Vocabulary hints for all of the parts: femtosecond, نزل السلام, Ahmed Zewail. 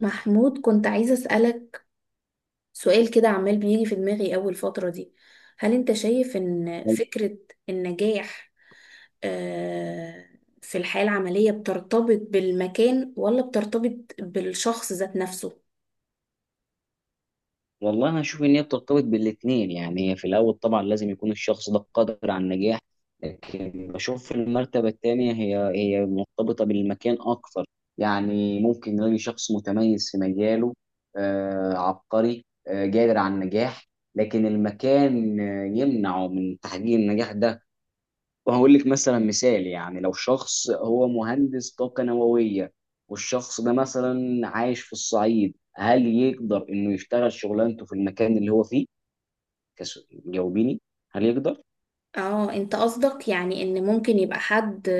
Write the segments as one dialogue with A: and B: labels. A: محمود كنت عايزة أسألك سؤال كده عمال بيجي في دماغي أول فترة دي. هل أنت شايف إن فكرة النجاح، آه، في الحياة العملية بترتبط بالمكان ولا بترتبط بالشخص ذات نفسه؟
B: والله انا اشوف ان هي بترتبط بالاثنين. يعني هي في الاول طبعا لازم يكون الشخص ده قادر على النجاح، لكن بشوف في المرتبه الثانيه هي مرتبطه بالمكان اكثر. يعني ممكن نلاقي شخص متميز في مجاله، آه عبقري، آه قادر على النجاح، لكن المكان يمنعه من تحقيق النجاح ده. وهقول لك مثلا مثال، يعني لو شخص هو مهندس طاقة نووية، والشخص ده مثلا عايش في الصعيد، هل يقدر انه يشتغل شغلانته في المكان اللي هو فيه؟ جاوبيني، هل يقدر؟
A: اه، انت قصدك يعني ان ممكن يبقى حد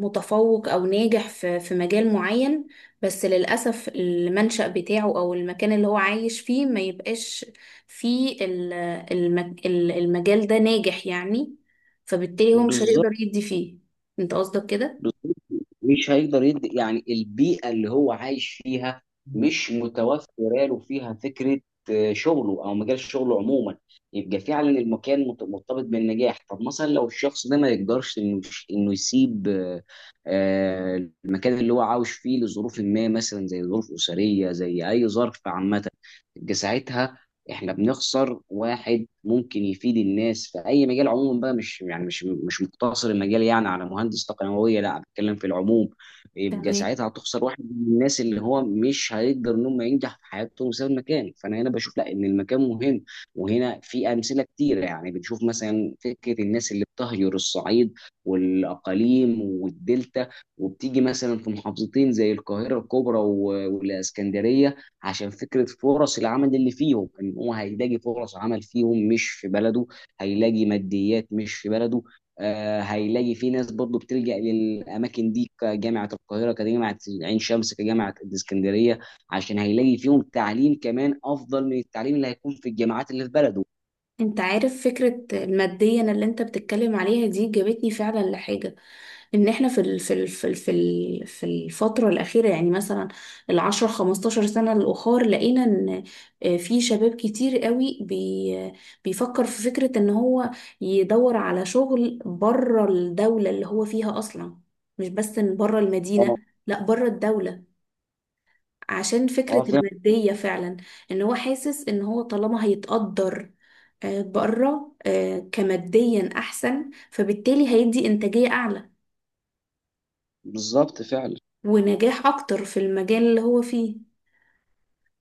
A: متفوق او ناجح في مجال معين، بس للأسف المنشأ بتاعه او المكان اللي هو عايش فيه ما يبقاش فيه المجال ده ناجح، يعني فبالتالي هو مش
B: بالظبط.
A: هيقدر يدي فيه. انت قصدك كده؟
B: بالظبط، مش هيقدر يدي، يعني البيئة اللي هو عايش فيها مش متوفرة له فيها فكرة شغله أو مجال شغله عموما. يبقى فعلا المكان مرتبط بالنجاح. طب مثلا لو الشخص ده ما يقدرش إنه يسيب المكان اللي هو عاوش فيه لظروف ما، مثلا زي ظروف أسرية، زي أي ظرف عامة، يبقى ساعتها احنا بنخسر واحد ممكن يفيد الناس في اي مجال عموما، بقى مش يعني مش مقتصر المجال يعني على مهندس تقنيويه، لا بتكلم في العموم. يبقى
A: تمام.
B: ساعتها هتخسر واحد من الناس اللي هو مش هيقدر ان هم ينجح في حياته بسبب المكان، فانا هنا بشوف لا ان المكان مهم. وهنا في امثله كتيره، يعني بنشوف مثلا فكره الناس اللي بتهجر الصعيد والاقاليم والدلتا، وبتيجي مثلا في محافظتين زي القاهره الكبرى والاسكندريه، عشان فكرة فرص العمل اللي فيهم، ان هو هيلاقي فرص عمل فيهم مش في بلده، هيلاقي ماديات مش في بلده. آه هيلاقي في ناس برضه بتلجأ للأماكن دي، كجامعة القاهرة، كجامعة عين شمس، كجامعة الإسكندرية، عشان هيلاقي فيهم تعليم كمان أفضل من التعليم اللي هيكون في الجامعات اللي في بلده.
A: انت عارف فكرة المادية اللي انت بتتكلم عليها دي جابتني فعلا لحاجة، ان احنا في الفتره الاخيره، يعني مثلا 10 15 سنه الاخر، لقينا ان في شباب كتير قوي بيفكر في فكره ان هو يدور على شغل بره الدوله اللي هو فيها اصلا، مش بس ان بره
B: اه
A: المدينه، لا بره الدوله، عشان فكره
B: فعلا.
A: الماديه فعلا. ان هو حاسس ان هو طالما هيتقدر بره كماديا احسن، فبالتالي هيدي انتاجيه اعلى
B: بالظبط فعلا.
A: ونجاح اكتر في المجال اللي هو فيه.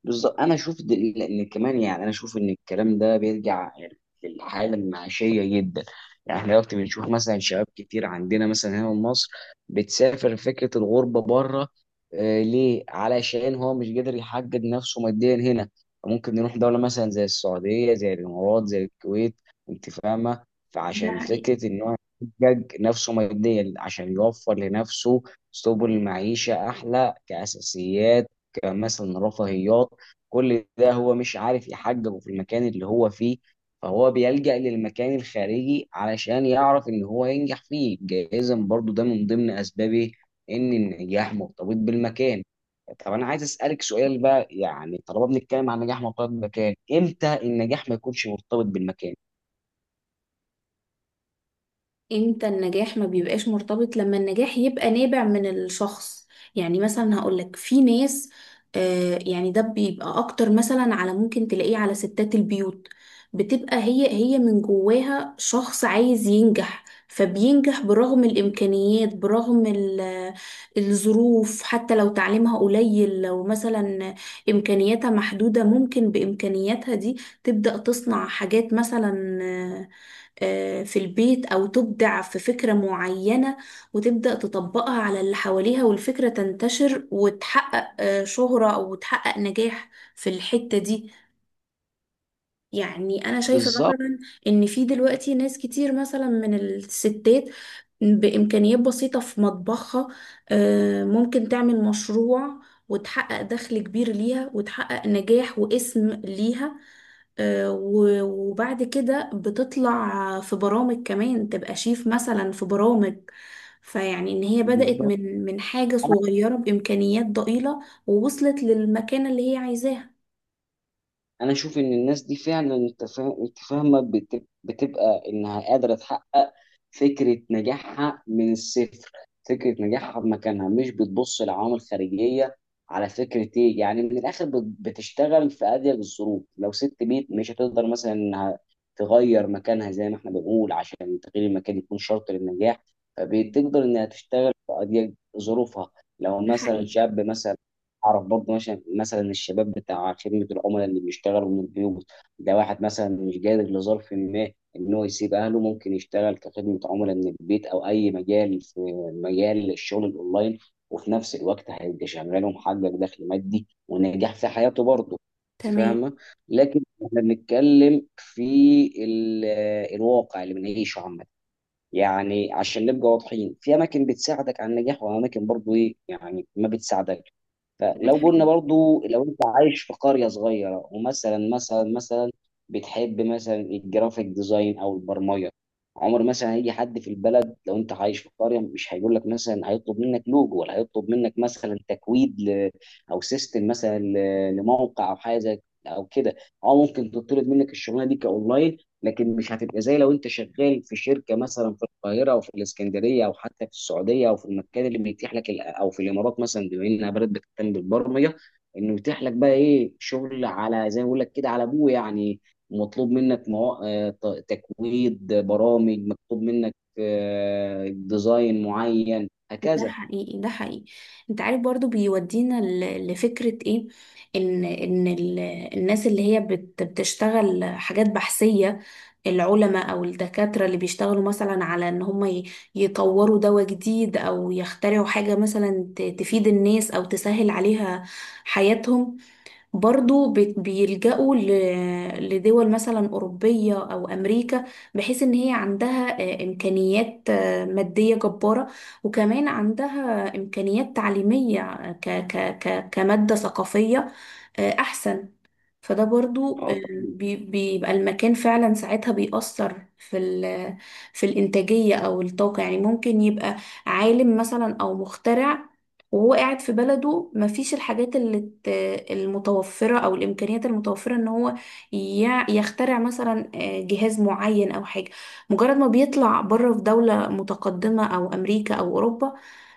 B: بالظبط انا اشوف ان كمان، يعني انا اشوف ان الكلام ده بيرجع يعني للحاله المعيشيه جدا. يعني احنا دلوقتي بنشوف مثلا شباب كتير عندنا مثلا هنا في مصر بتسافر فكره الغربه بره. آه ليه؟ علشان هو مش قادر يحقق نفسه ماديا هنا. ممكن نروح دوله مثلا زي السعوديه، زي الامارات، زي الكويت، انت فاهمه،
A: ده
B: فعشان
A: حقيقي.
B: فكره ان هو يحقق نفسه ماديا عشان يوفر لنفسه سبل معيشه احلى، كاساسيات، كمثلا رفاهيات، كل ده هو مش عارف يحججه في المكان اللي هو فيه، فهو بيلجأ للمكان الخارجي علشان يعرف ان هو ينجح فيه. جايزا برضو ده من ضمن اسبابه، ان النجاح مرتبط بالمكان. طب انا عايز اسالك سؤال بقى، يعني طالما بنتكلم عن نجاح مرتبط بالمكان، امتى النجاح ما يكونش مرتبط بالمكان؟
A: امتى النجاح ما بيبقاش مرتبط؟ لما النجاح يبقى نابع من الشخص. يعني مثلا هقولك في ناس، ده بيبقى اكتر مثلا على، ممكن تلاقيه على ستات البيوت، بتبقى هي من جواها شخص عايز ينجح فبينجح برغم الامكانيات، برغم الظروف. حتى لو تعليمها قليل، لو مثلا امكانياتها محدودة، ممكن بامكانياتها دي تبدأ تصنع حاجات مثلا، في البيت، أو تبدع في فكرة معينة وتبدأ تطبقها على اللي حواليها والفكرة تنتشر وتحقق شهرة أو تحقق نجاح في الحتة دي. يعني أنا شايفة
B: بالظبط.
A: مثلا إن في دلوقتي ناس كتير مثلا من الستات بإمكانيات بسيطة في مطبخها، ممكن تعمل مشروع وتحقق دخل كبير ليها وتحقق نجاح واسم ليها. وبعد كده بتطلع في برامج، كمان تبقى شيف مثلا في برامج. فيعني ان هي بدأت
B: بالظبط
A: من حاجة صغيرة بإمكانيات ضئيلة ووصلت للمكانة اللي هي عايزاها.
B: انا اشوف ان الناس دي فعلا، انت أنت فاهمه، بتبقى انها قادره تحقق فكره نجاحها من الصفر، فكره نجاحها بمكانها، مش بتبص لعوامل خارجيه. على فكره ايه يعني من الاخر، بتشتغل في اضيق الظروف. لو ست بيت مش هتقدر مثلا انها تغير مكانها، زي ما احنا بنقول عشان تغيير المكان يكون شرط للنجاح، فبتقدر انها تشتغل في اضيق ظروفها. لو
A: ده
B: مثلا
A: حقيقي.
B: شاب مثلا اعرف برضه مثلا الشباب بتاع خدمه العملاء اللي بيشتغلوا من البيوت، ده واحد مثلا مش قادر لظرف ما ان هو يسيب اهله، ممكن يشتغل كخدمه عملاء من البيت او اي مجال في مجال الشغل الاونلاين، وفي نفس الوقت هيبقى شغال ومحقق دخل مادي ونجاح في حياته برضه. انت
A: تمام.
B: فاهمه. لكن احنا بنتكلم في ال- الواقع اللي بنعيشه عامه، يعني عشان نبقى واضحين، في اماكن بتساعدك على النجاح، واماكن برضو ايه يعني ما بتساعدك.
A: ده
B: فلو قلنا
A: حقيقي.
B: برضو لو انت عايش في قرية صغيرة، ومثلا مثلا بتحب مثلا الجرافيك ديزاين او البرمجة، عمر مثلا هيجي حد في البلد، لو انت عايش في قرية مش هيقول لك مثلا، هيطلب منك لوجو، ولا هيطلب منك مثلا تكويد ل... او سيستم مثلا ل... لموقع او حاجة او كده، او ممكن تطلب منك الشغلانة دي كاونلاين. لكن مش هتبقى زي لو انت شغال في شركه مثلا في القاهره او في الاسكندريه او حتى في السعوديه، او في المكان اللي بيتيح لك او في الامارات مثلا، بما انها بلد بتهتم بالبرمجه، انه يتيح لك بقى ايه شغل، على زي ما بقول لك كده على ابوه يعني، مطلوب منك تكويد برامج، مطلوب منك ديزاين معين
A: ده
B: هكذا.
A: حقيقي. ده حقيقي. انت عارف برضو بيودينا لفكرة ايه، ان ان ال- الناس اللي هي بتشتغل حاجات بحثية، العلماء او الدكاترة اللي بيشتغلوا مثلا على ان هم يطوروا دواء جديد او يخترعوا حاجة مثلا تفيد الناس او تسهل عليها حياتهم، برضو بيلجأوا لدول مثلا أوروبية أو أمريكا بحيث إن هي عندها إمكانيات مادية جبارة، وكمان عندها إمكانيات تعليمية، ك ك ك كمادة ثقافية أحسن. فده برضو
B: اه طبعاً.
A: بيبقى المكان فعلا ساعتها بيأثر في في الإنتاجية أو الطاقة. يعني ممكن يبقى عالم مثلا أو مخترع وهو قاعد في بلده، مفيش الحاجات المتوفرة أو الإمكانيات المتوفرة إن هو يخترع مثلا، جهاز معين أو حاجة. مجرد ما بيطلع بره في دولة متقدمة أو أمريكا أو أوروبا،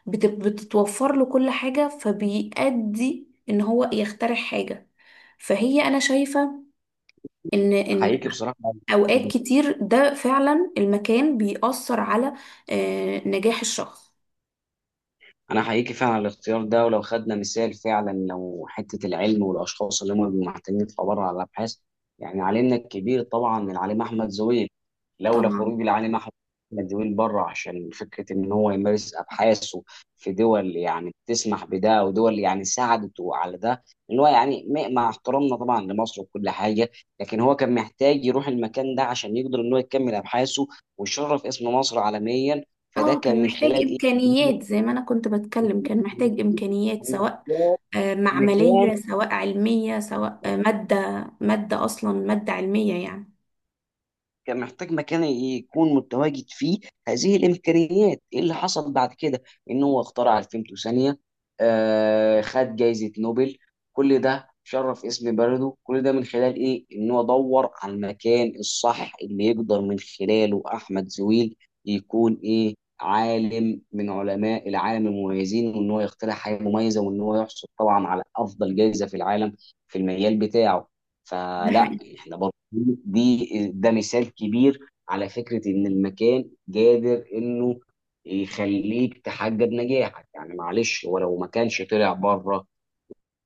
A: بتتوفر له كل حاجة، فبيأدي إن هو يخترع حاجة. فهي انا شايفة ان
B: حقيقي بصراحه.
A: اوقات كتير ده فعلا المكان بيأثر على نجاح الشخص.
B: انا حقيقي فعلا على الاختيار ده. ولو خدنا مثال فعلا، لو حته العلم والاشخاص اللي هم بيبقوا محتاجين في عباره على الابحاث، يعني علمنا الكبير طبعا العليم احمد زويل، لولا
A: طبعا،
B: خروج العليم احمد زويل بره عشان فكره ان هو يمارس ابحاثه في دول يعني بتسمح بده، ودول يعني ساعدته على ده، ان هو يعني مع احترامنا طبعا لمصر وكل حاجه، لكن هو كان محتاج يروح المكان ده عشان يقدر ان هو يكمل ابحاثه ويشرف اسم مصر عالميا. فده
A: اه كان
B: كان من
A: محتاج
B: خلال
A: امكانيات، زي ما انا كنت بتكلم، كان محتاج امكانيات سواء
B: المكان،
A: معملية، سواء علمية، سواء مادة، مادة اصلا مادة علمية يعني.
B: كان محتاج مكان يكون متواجد فيه هذه الامكانيات. ايه اللي حصل بعد كده؟ ان هو اخترع الفيمتوثانيه، آه خد جائزه نوبل. كل ده شرف اسم بلده، كل ده من خلال ايه؟ ان هو دور على المكان الصح اللي يقدر من خلاله احمد زويل يكون ايه عالم من علماء العالم المميزين، وان هو يخترع حاجه مميزه، وان هو يحصل طبعا على افضل جائزه في العالم في المجال بتاعه.
A: ده
B: فلا
A: حقيقي.
B: احنا برضه دي ده مثال كبير على فكرة إن المكان قادر إنه يخليك تحقق نجاحك. يعني معلش، ولو ما كانش طلع بره،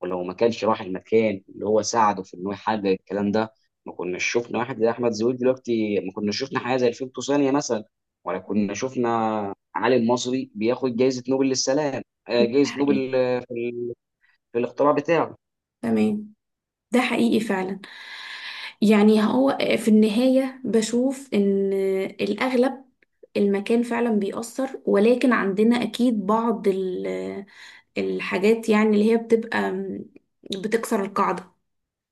B: ولو ما كانش راح المكان اللي هو ساعده في إنه يحقق الكلام ده، ما كناش شفنا واحد زي أحمد زويل دلوقتي، ما كناش شفنا حاجة زي الفيلتو ثانية مثلا، ولا كنا شفنا عالم مصري بياخد جائزة نوبل للسلام،
A: ده
B: جائزة
A: حقيقي.
B: نوبل في الاختراع بتاعه.
A: تمام. ده حقيقي فعلا. يعني هو في النهاية بشوف إن الأغلب المكان فعلا بيأثر، ولكن عندنا أكيد بعض الحاجات يعني اللي هي بتكسر القاعدة،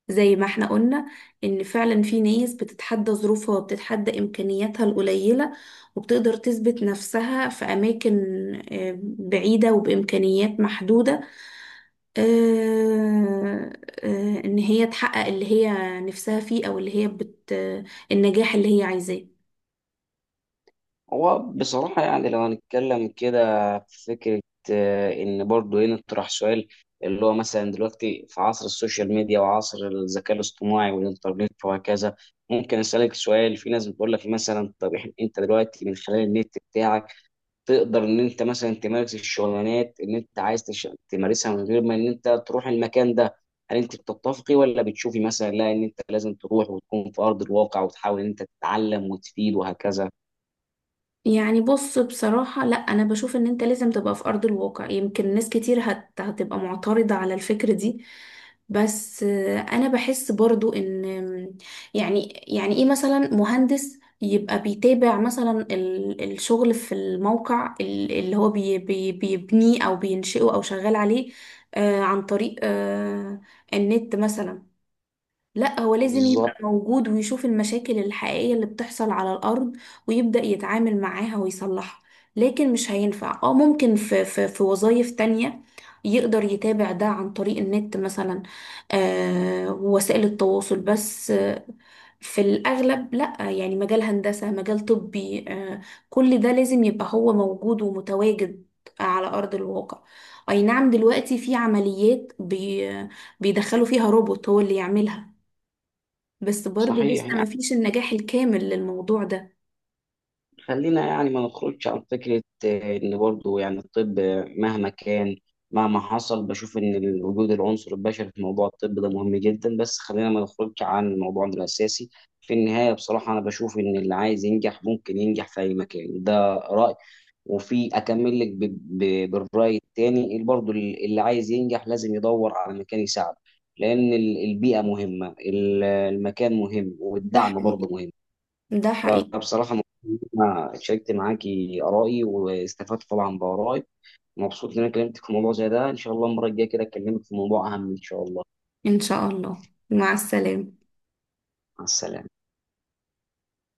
A: زي ما احنا قلنا إن فعلا في ناس بتتحدى ظروفها وبتتحدى إمكانياتها القليلة، وبتقدر تثبت نفسها في أماكن بعيدة وبإمكانيات محدودة، آه، ان هي تحقق اللي هي نفسها فيه، او اللي هي بت آه، النجاح اللي هي عايزاه.
B: هو بصراحة يعني لو هنتكلم كده في فكرة، إن برضه هنا اطرح سؤال، اللي هو مثلا دلوقتي في عصر السوشيال ميديا وعصر الذكاء الاصطناعي والإنترنت وهكذا، ممكن أسألك سؤال. في ناس بتقول لك مثلا طب أنت دلوقتي من خلال النت بتاعك تقدر إن أنت مثلا تمارس الشغلانات اللي أنت عايز تمارسها من غير ما إن أنت تروح المكان ده. هل أنت بتتفقي، ولا بتشوفي مثلا لا إن أنت لازم تروح وتكون في أرض الواقع وتحاول إن أنت تتعلم وتفيد وهكذا؟
A: يعني بص، بصراحة لا، أنا بشوف إن أنت لازم تبقى في أرض الواقع. يمكن ناس كتير هتبقى معترضة على الفكرة دي، بس أنا بحس برضو إن، يعني إيه مثلا مهندس يبقى بيتابع مثلا الشغل في الموقع اللي هو بيبنيه أو بينشئه أو شغال عليه، عن طريق النت مثلا. لا، هو لازم يبقى
B: بالظبط.
A: موجود ويشوف المشاكل الحقيقية اللي بتحصل على الأرض ويبدأ يتعامل معاها ويصلحها. لكن مش هينفع. اه ممكن في وظائف تانية يقدر يتابع ده عن طريق النت مثلا، آه، ووسائل التواصل، بس آه في الأغلب لا، يعني مجال هندسة، مجال طبي، آه كل ده لازم يبقى هو موجود ومتواجد على أرض الواقع. أي نعم، دلوقتي في عمليات بيدخلوا فيها روبوت هو اللي يعملها، بس برضو
B: صحيح
A: لسه ما
B: يعني.
A: فيش النجاح الكامل للموضوع ده.
B: خلينا يعني ما نخرجش عن فكرة إن برضو يعني الطب، مهما كان، مهما حصل، بشوف إن وجود العنصر البشري في موضوع الطب ده مهم جدا، بس خلينا ما نخرجش عن موضوعنا الأساسي. في النهاية بصراحة أنا بشوف إن اللي عايز ينجح ممكن ينجح في أي مكان، ده رأي. وفي أكمل لك بالرأي التاني، برضو اللي عايز ينجح لازم يدور على مكان يساعده، لأن البيئة مهمة، المكان مهم،
A: ده
B: والدعم برضو
A: حقيقي.
B: مهم.
A: ده
B: أنا
A: حقيقي.
B: بصراحة مبسوط إن أنا شاركت معاكي آرائي واستفدت طبعا بآرائي. مبسوط إن أنا كلمتك في موضوع زي ده، إن شاء الله المرة الجاية كده أكلمك في موضوع أهم إن شاء الله.
A: إن شاء الله. مع السلامة.
B: مع السلامة.